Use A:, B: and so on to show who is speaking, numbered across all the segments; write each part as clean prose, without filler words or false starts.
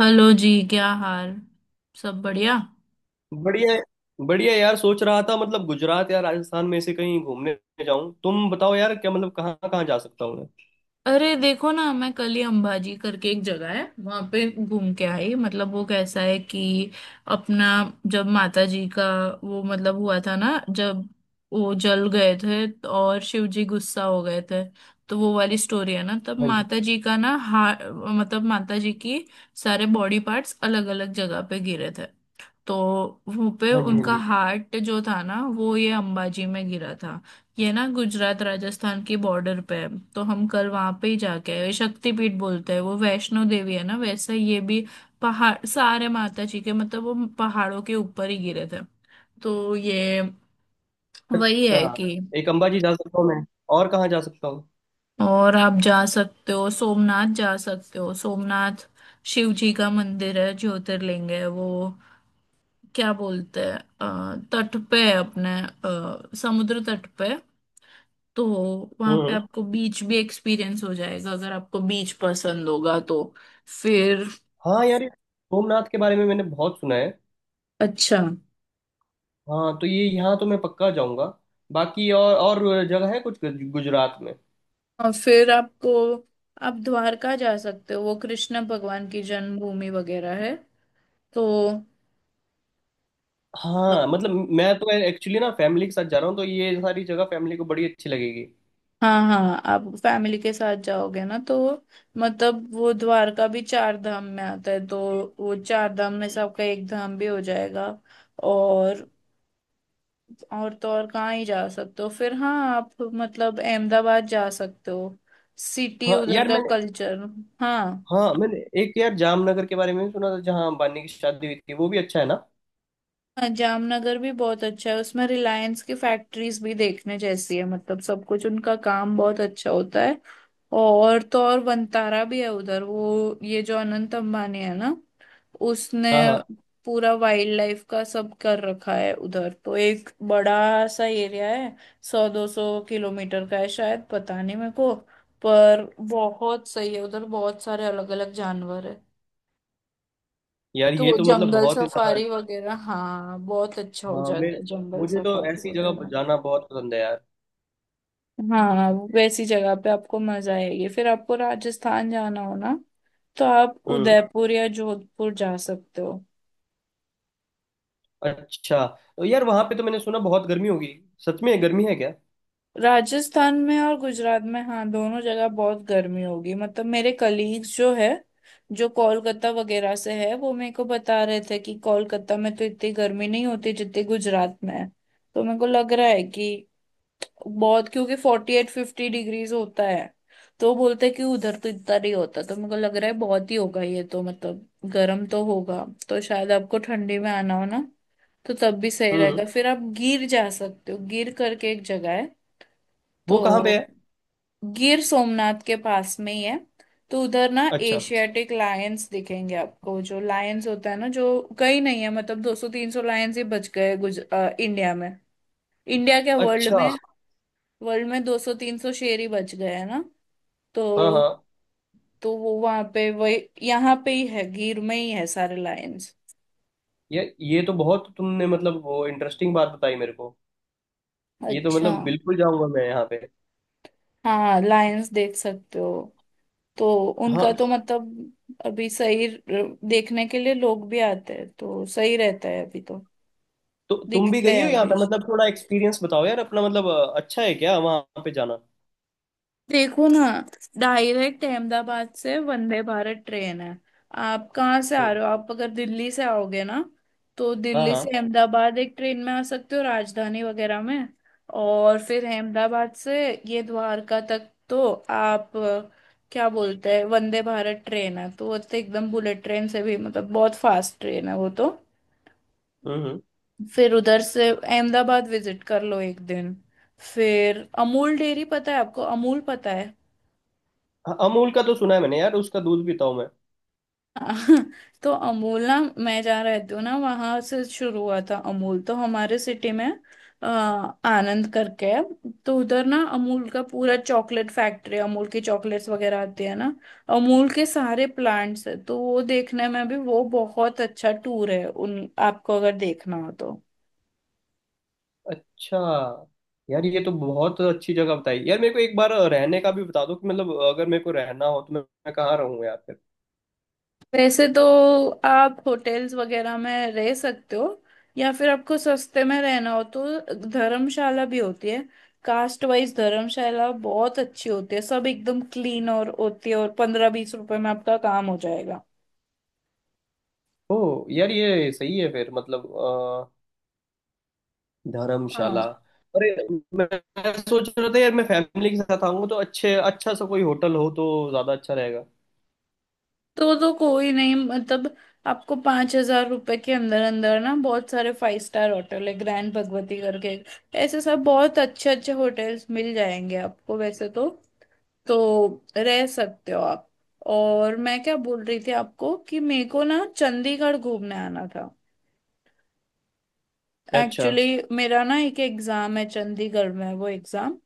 A: Hello जी, क्या हाल। सब बढ़िया।
B: बढ़िया। बढ़िया यार, सोच रहा था मतलब गुजरात या राजस्थान में से कहीं घूमने जाऊं। तुम बताओ यार, क्या मतलब कहाँ कहाँ जा सकता हूँ मैं?
A: अरे देखो ना, मैं कल ही अंबाजी करके एक जगह है वहां पे घूम के आई। मतलब वो कैसा है कि अपना, जब माता जी का वो मतलब हुआ था ना, जब वो जल गए थे तो और शिव जी गुस्सा हो गए थे, तो वो वाली स्टोरी है ना। तब
B: हाँ जी।
A: माता जी का ना, हा। मतलब माता जी की सारे बॉडी पार्ट्स अलग अलग जगह पे गिरे थे, तो वो पे
B: हाँ जी। हाँ
A: उनका
B: जी।
A: हार्ट जो था ना, वो ये अंबाजी में गिरा था। ये ना गुजरात राजस्थान की बॉर्डर पे है। तो हम कल वहां पे ही जाके आए, शक्तिपीठ बोलते हैं वो। वैष्णो देवी है ना, वैसे ये भी पहाड़ सारे माता जी के, मतलब वो पहाड़ों के ऊपर ही गिरे थे। तो ये वही
B: अच्छा,
A: है कि,
B: एक अंबाजी जा सकता हूँ मैं, और कहाँ जा सकता हूँ?
A: और आप जा सकते हो सोमनाथ, जा सकते हो सोमनाथ। शिव जी का मंदिर है, ज्योतिर्लिंग है वो। क्या बोलते हैं, तट पे है अपने, समुद्र तट पे। तो वहां पे
B: हम्म।
A: आपको बीच भी एक्सपीरियंस हो जाएगा अगर आपको बीच पसंद होगा तो। फिर,
B: हाँ यार, ये सोमनाथ के बारे में मैंने बहुत सुना है।
A: अच्छा,
B: हाँ, तो ये यहाँ तो मैं पक्का जाऊंगा। बाकी और जगह है कुछ गुजरात में?
A: और फिर आपको, आप द्वारका जा सकते हो, वो कृष्ण भगवान की जन्मभूमि वगैरह है। तो अ,
B: हाँ मतलब, मैं तो एक्चुअली ना फैमिली के साथ जा रहा हूँ, तो ये सारी जगह फैमिली को बड़ी अच्छी लगेगी।
A: हाँ हाँ, आप फैमिली के साथ जाओगे ना, तो मतलब वो द्वारका भी चार धाम में आता है, तो वो चार धाम में से आपका एक धाम भी हो जाएगा। और और तो और कहाँ ही जा सकते हो फिर। हाँ आप मतलब अहमदाबाद जा सकते हो, सिटी,
B: हाँ
A: उधर
B: यार
A: का
B: मैंने।
A: कल्चर। हाँ,
B: हाँ, मैंने एक यार जामनगर के बारे में भी सुना था, जहाँ अंबानी की शादी हुई थी। वो भी अच्छा है ना?
A: हाँ, जामनगर भी बहुत अच्छा है, उसमें रिलायंस की फैक्ट्रीज भी देखने जैसी है, मतलब सब कुछ उनका काम बहुत अच्छा होता है। और तो और वंतारा भी है उधर, वो ये जो अनंत अंबानी है ना, उसने
B: हाँ हाँ।
A: पूरा वाइल्ड लाइफ का सब कर रखा है उधर। तो एक बड़ा सा एरिया है, 100-200 किलोमीटर का है शायद, पता नहीं मेरे को। पर बहुत सही है उधर, बहुत सारे अलग अलग जानवर है।
B: यार
A: तो
B: ये
A: वो
B: तो मतलब
A: जंगल
B: बहुत ही ज्यादा।
A: सफारी वगैरह, हाँ, बहुत अच्छा हो
B: हाँ, मैं
A: जाता है जंगल
B: मुझे तो
A: सफारी
B: ऐसी जगह पर
A: वगैरह।
B: जाना बहुत पसंद है यार।
A: हाँ, वैसी जगह पे आपको मजा आएगी। फिर आपको राजस्थान जाना हो ना, तो आप
B: हम्म।
A: उदयपुर या जोधपुर जा सकते हो।
B: अच्छा, तो यार वहाँ पे तो मैंने सुना बहुत गर्मी होगी। सच में गर्मी है क्या?
A: राजस्थान में और गुजरात में, हाँ, दोनों जगह बहुत गर्मी होगी। मतलब मेरे कलीग्स जो है, जो कोलकाता वगैरह से है, वो मेरे को बता रहे थे कि कोलकाता में तो इतनी गर्मी नहीं होती जितनी गुजरात में है। तो मेरे को लग रहा है कि बहुत, क्योंकि 48-50 डिग्रीज होता है। तो बोलते हैं कि उधर तो इतना नहीं होता। तो मेरे को लग रहा है बहुत ही होगा ये तो। मतलब गर्म तो होगा, तो शायद आपको ठंडी में आना हो ना, तो तब भी सही
B: हम्म
A: रहेगा। फिर आप गिर जा सकते हो, गिर करके एक जगह है।
B: वो कहाँ
A: तो
B: पे है?
A: गिर सोमनाथ के पास में ही है। तो उधर ना
B: अच्छा।
A: एशियाटिक लायंस दिखेंगे आपको, जो लायंस होता है ना, जो कहीं नहीं है। मतलब 200-300 लायंस ही बच गए इंडिया में। इंडिया क्या, वर्ल्ड
B: अच्छा।
A: में। अच्छा, वर्ल्ड में 200-300 शेर ही बच गए हैं ना।
B: हाँ
A: तो
B: हाँ।
A: तो वो वहां पे वही, यहाँ पे ही है, गिर में ही है सारे लायंस।
B: यार ये तो बहुत तुमने मतलब वो इंटरेस्टिंग बात बताई मेरे को। ये तो
A: अच्छा,
B: मतलब बिल्कुल जाऊंगा मैं यहाँ पे।
A: हाँ, लायंस देख सकते हो। तो उनका
B: हाँ,
A: तो मतलब, अभी देखने के लिए लोग भी आते हैं, तो सही रहता है अभी तो।
B: तो तुम भी
A: दिखते
B: गई
A: हैं
B: हो यहाँ
A: अभी।
B: पे? मतलब थोड़ा एक्सपीरियंस बताओ यार अपना, मतलब अच्छा है क्या वहाँ पे जाना?
A: देखो ना, डायरेक्ट अहमदाबाद से वंदे भारत ट्रेन है। आप कहाँ से आ
B: हम्म।
A: रहे हो, आप अगर दिल्ली से आओगे ना, तो
B: हाँ
A: दिल्ली से
B: हाँ।
A: अहमदाबाद एक ट्रेन में आ सकते हो, राजधानी वगैरह में। और फिर अहमदाबाद से ये द्वारका तक तो आप, क्या बोलते हैं, वंदे भारत ट्रेन है। तो वो तो एकदम बुलेट ट्रेन से भी, मतलब बहुत फास्ट ट्रेन है वो तो।
B: हम्म।
A: फिर उधर से अहमदाबाद विजिट कर लो एक दिन। फिर अमूल डेयरी पता है आपको, अमूल पता है।
B: हाँ, अमूल का तो सुना है मैंने यार, उसका दूध पीता हूँ मैं।
A: हाँ, तो अमूल ना, मैं जा रहती हूँ ना, वहां से शुरू हुआ था अमूल, तो हमारे सिटी में, आनंद करके है। तो उधर ना अमूल का पूरा चॉकलेट फैक्ट्री, अमूल की चॉकलेट्स वगैरह आती है ना, अमूल के सारे प्लांट्स है। तो वो देखने में भी वो बहुत अच्छा टूर है, उन आपको अगर देखना हो तो।
B: अच्छा। यार ये तो बहुत अच्छी जगह बताई यार मेरे को। एक बार रहने का भी बता दो कि, मतलब अगर मेरे को रहना हो तो मैं कहाँ रहूँ यार फिर?
A: वैसे तो आप होटल्स वगैरह में रह सकते हो, या फिर आपको सस्ते में रहना हो तो धर्मशाला भी होती है। कास्ट वाइज धर्मशाला बहुत अच्छी होती है, सब एकदम क्लीन और होती है, और 15-20 रुपए में आपका काम हो जाएगा।
B: ओ यार ये सही है फिर, मतलब धर्मशाला।
A: हाँ
B: अरे, मैं मैं सोच रहा था यार, मैं फैमिली के साथ आऊंगा तो अच्छे अच्छा सा कोई होटल हो तो ज्यादा अच्छा रहेगा।
A: तो कोई नहीं, मतलब आपको 5,000 रुपए के अंदर अंदर ना बहुत सारे फाइव स्टार होटल है, ग्रैंड भगवती करके ऐसे सब बहुत अच्छे अच्छे होटल्स मिल जाएंगे आपको वैसे तो। तो रह सकते हो आप। और मैं क्या बोल रही थी आपको, कि मेरे को ना चंडीगढ़ घूमने आना था
B: अच्छा।
A: एक्चुअली। मेरा ना एक एग्जाम है चंडीगढ़ में, वो एग्जाम,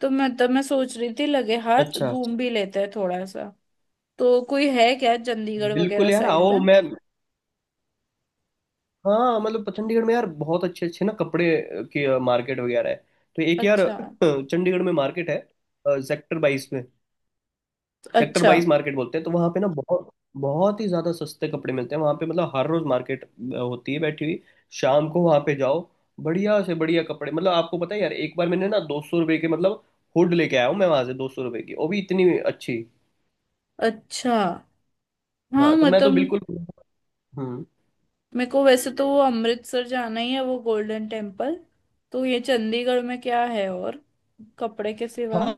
A: तो मैं तब मैं सोच रही थी लगे हाथ
B: अच्छा।
A: घूम भी लेते हैं थोड़ा सा। तो कोई है क्या चंडीगढ़ वगैरह
B: बिल्कुल यार,
A: साइड
B: आओ।
A: में।
B: मैं। हाँ मतलब, चंडीगढ़ में यार बहुत अच्छे अच्छे ना कपड़े की मार्केट वगैरह है। तो एक यार
A: अच्छा,
B: चंडीगढ़ में मार्केट है, सेक्टर 22 में। सेक्टर
A: अच्छा,
B: बाईस मार्केट बोलते हैं। तो वहाँ पे ना बहुत बहुत ही ज्यादा सस्ते कपड़े मिलते हैं वहाँ पे। मतलब हर रोज मार्केट होती है, बैठी हुई। शाम को वहाँ पे जाओ, बढ़िया से बढ़िया कपड़े। मतलब आपको पता है यार, एक बार मैंने ना ₹200 के, मतलब हुड लेके आया हूँ मैं वहां से, ₹200 की, वो भी इतनी अच्छी।
A: अच्छा। हाँ,
B: हाँ, तो मैं तो
A: मतलब
B: बिल्कुल। हम्म।
A: मेरे को वैसे तो वो अमृतसर जाना ही है, वो गोल्डन टेम्पल। तो ये चंडीगढ़ में क्या है और, कपड़े के सिवा।
B: हाँ,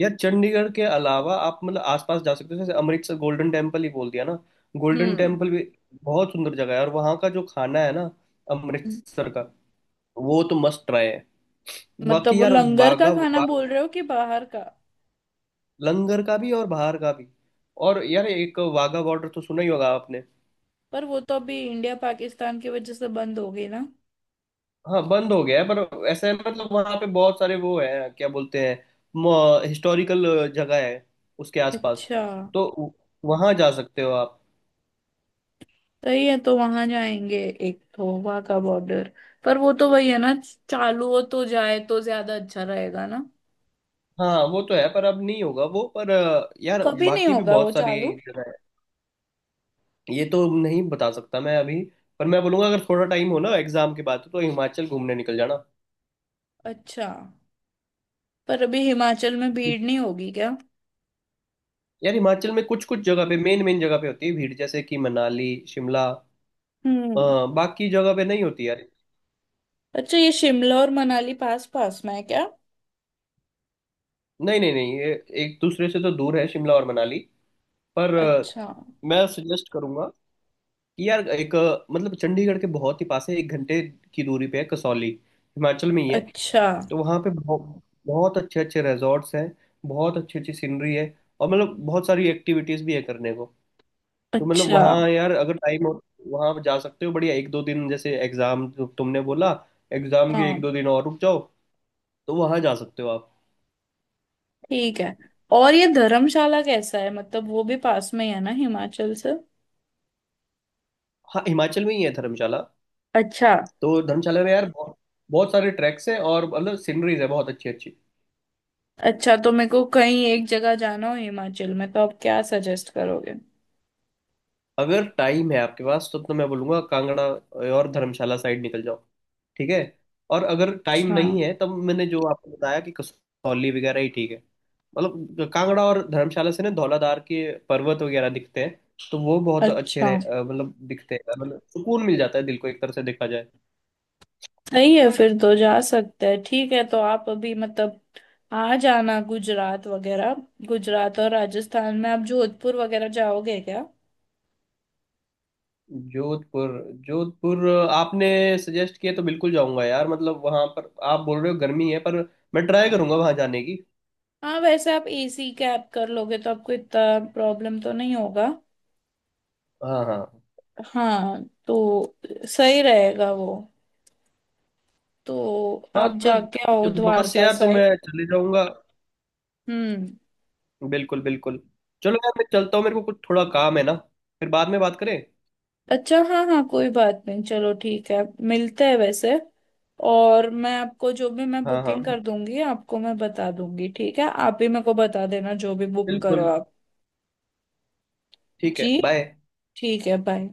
B: यार चंडीगढ़ के अलावा आप मतलब आसपास जा सकते हो, जैसे अमृतसर। गोल्डन टेम्पल ही बोल दिया ना। गोल्डन
A: हम्म,
B: टेम्पल भी बहुत सुंदर जगह है, और वहाँ का जो खाना है ना, अमृतसर का, वो तो मस्ट ट्राई है।
A: मतलब
B: बाकी
A: वो
B: यार,
A: लंगर का
B: बागा
A: खाना
B: बा,
A: बोल रहे हो कि बाहर का।
B: लंगर का भी और बाहर का भी। और यार एक वाघा बॉर्डर तो सुना ही होगा आपने।
A: पर वो तो अभी इंडिया पाकिस्तान की वजह से बंद हो गई ना।
B: हाँ, बंद हो गया है, पर ऐसा है मतलब वहाँ पे बहुत सारे वो है, क्या बोलते हैं, हिस्टोरिकल जगह है उसके आसपास।
A: अच्छा,
B: तो वहाँ जा सकते हो आप।
A: सही है, तो वहां जाएंगे। एक तो वहां का बॉर्डर, पर वो तो वही है ना, चालू हो तो जाए तो ज्यादा अच्छा रहेगा ना।
B: हाँ वो तो है, पर अब नहीं होगा वो, पर यार
A: कभी नहीं
B: बाकी भी
A: होगा वो
B: बहुत सारी
A: चालू।
B: जगह है, ये तो नहीं बता सकता मैं अभी। पर मैं बोलूंगा, अगर थोड़ा टाइम हो ना एग्जाम के बाद तो हिमाचल घूमने निकल जाना।
A: अच्छा, पर अभी हिमाचल में भीड़ नहीं होगी क्या।
B: यार हिमाचल में कुछ कुछ जगह पे, मेन मेन जगह पे होती है भीड़, जैसे कि मनाली शिमला।
A: हम्म,
B: बाकी जगह पे नहीं होती यार।
A: अच्छा, ये शिमला और मनाली पास पास में है क्या।
B: नहीं नहीं नहीं, ये एक दूसरे से तो दूर है शिमला और मनाली। पर
A: अच्छा,
B: मैं सजेस्ट करूंगा कि यार, एक मतलब चंडीगढ़ के बहुत ही पास है, 1 घंटे की दूरी पे है कसौली। हिमाचल में ही है।
A: अच्छा,
B: तो वहाँ पे बहुत बहुत अच्छे अच्छे रिजॉर्ट्स हैं, बहुत अच्छी अच्छी सीनरी है, और मतलब बहुत सारी एक्टिविटीज भी है करने को। तो मतलब
A: अच्छा।
B: वहाँ यार, अगर टाइम हो वहाँ आप जा सकते हो। बढ़िया एक दो दिन, जैसे एग्जाम तुमने बोला, एग्जाम के एक
A: हाँ,
B: दो दिन और रुक जाओ। तो वहाँ जा सकते हो आप।
A: ठीक है। और ये धर्मशाला कैसा है, मतलब वो भी पास में ही है ना हिमाचल से।
B: हाँ, हिमाचल में ही है धर्मशाला।
A: अच्छा।
B: तो धर्मशाला में यार बहुत, बहुत सारे ट्रैक्स हैं, और मतलब सीनरीज है बहुत अच्छी अच्छी।
A: अच्छा, तो मेरे को कहीं एक जगह जाना हो हिमाचल में तो आप क्या सजेस्ट करोगे।
B: अगर टाइम है आपके पास तो मैं बोलूंगा कांगड़ा और धर्मशाला साइड निकल जाओ। ठीक है, और अगर टाइम
A: अच्छा,
B: नहीं है तब मैंने जो आपको बताया कि कसौली वगैरह ही ठीक है। मतलब कांगड़ा और धर्मशाला से ना धौलाधार के पर्वत वगैरह दिखते हैं। तो वो बहुत अच्छे
A: अच्छा,
B: मतलब दिखते हैं, मतलब सुकून मिल जाता है दिल को, एक तरह से देखा जाए।
A: सही है फिर तो, जा सकते हैं। ठीक है, तो आप अभी मतलब आ जाना गुजरात वगैरह। गुजरात और राजस्थान में आप जोधपुर वगैरह जाओगे क्या।
B: जोधपुर। जोधपुर आपने सजेस्ट किया तो बिल्कुल जाऊंगा यार। मतलब वहां पर आप बोल रहे हो गर्मी है, पर मैं ट्राई करूंगा वहां जाने की।
A: हाँ, वैसे आप एसी कैब कर लोगे तो आपको इतना प्रॉब्लम तो नहीं होगा।
B: हाँ हाँ।
A: हाँ, तो सही रहेगा वो। तो
B: हाँ,
A: आप
B: तो
A: जाके आओ
B: बस
A: द्वारका
B: यार तो
A: साइड।
B: मैं चले जाऊंगा।
A: हम्म,
B: बिल्कुल बिल्कुल। चलो यार मैं चलता हूँ, मेरे को कुछ थोड़ा काम है ना, फिर बाद में बात करें।
A: अच्छा, हाँ हाँ, कोई बात नहीं, चलो ठीक है। मिलते हैं वैसे। और मैं आपको जो भी मैं
B: हाँ हाँ।
A: बुकिंग कर दूंगी आपको मैं बता दूंगी, ठीक है, आप भी मेरे को बता देना जो भी बुक करो
B: बिल्कुल।
A: आप।
B: ठीक है,
A: जी,
B: बाय।
A: ठीक है, बाय।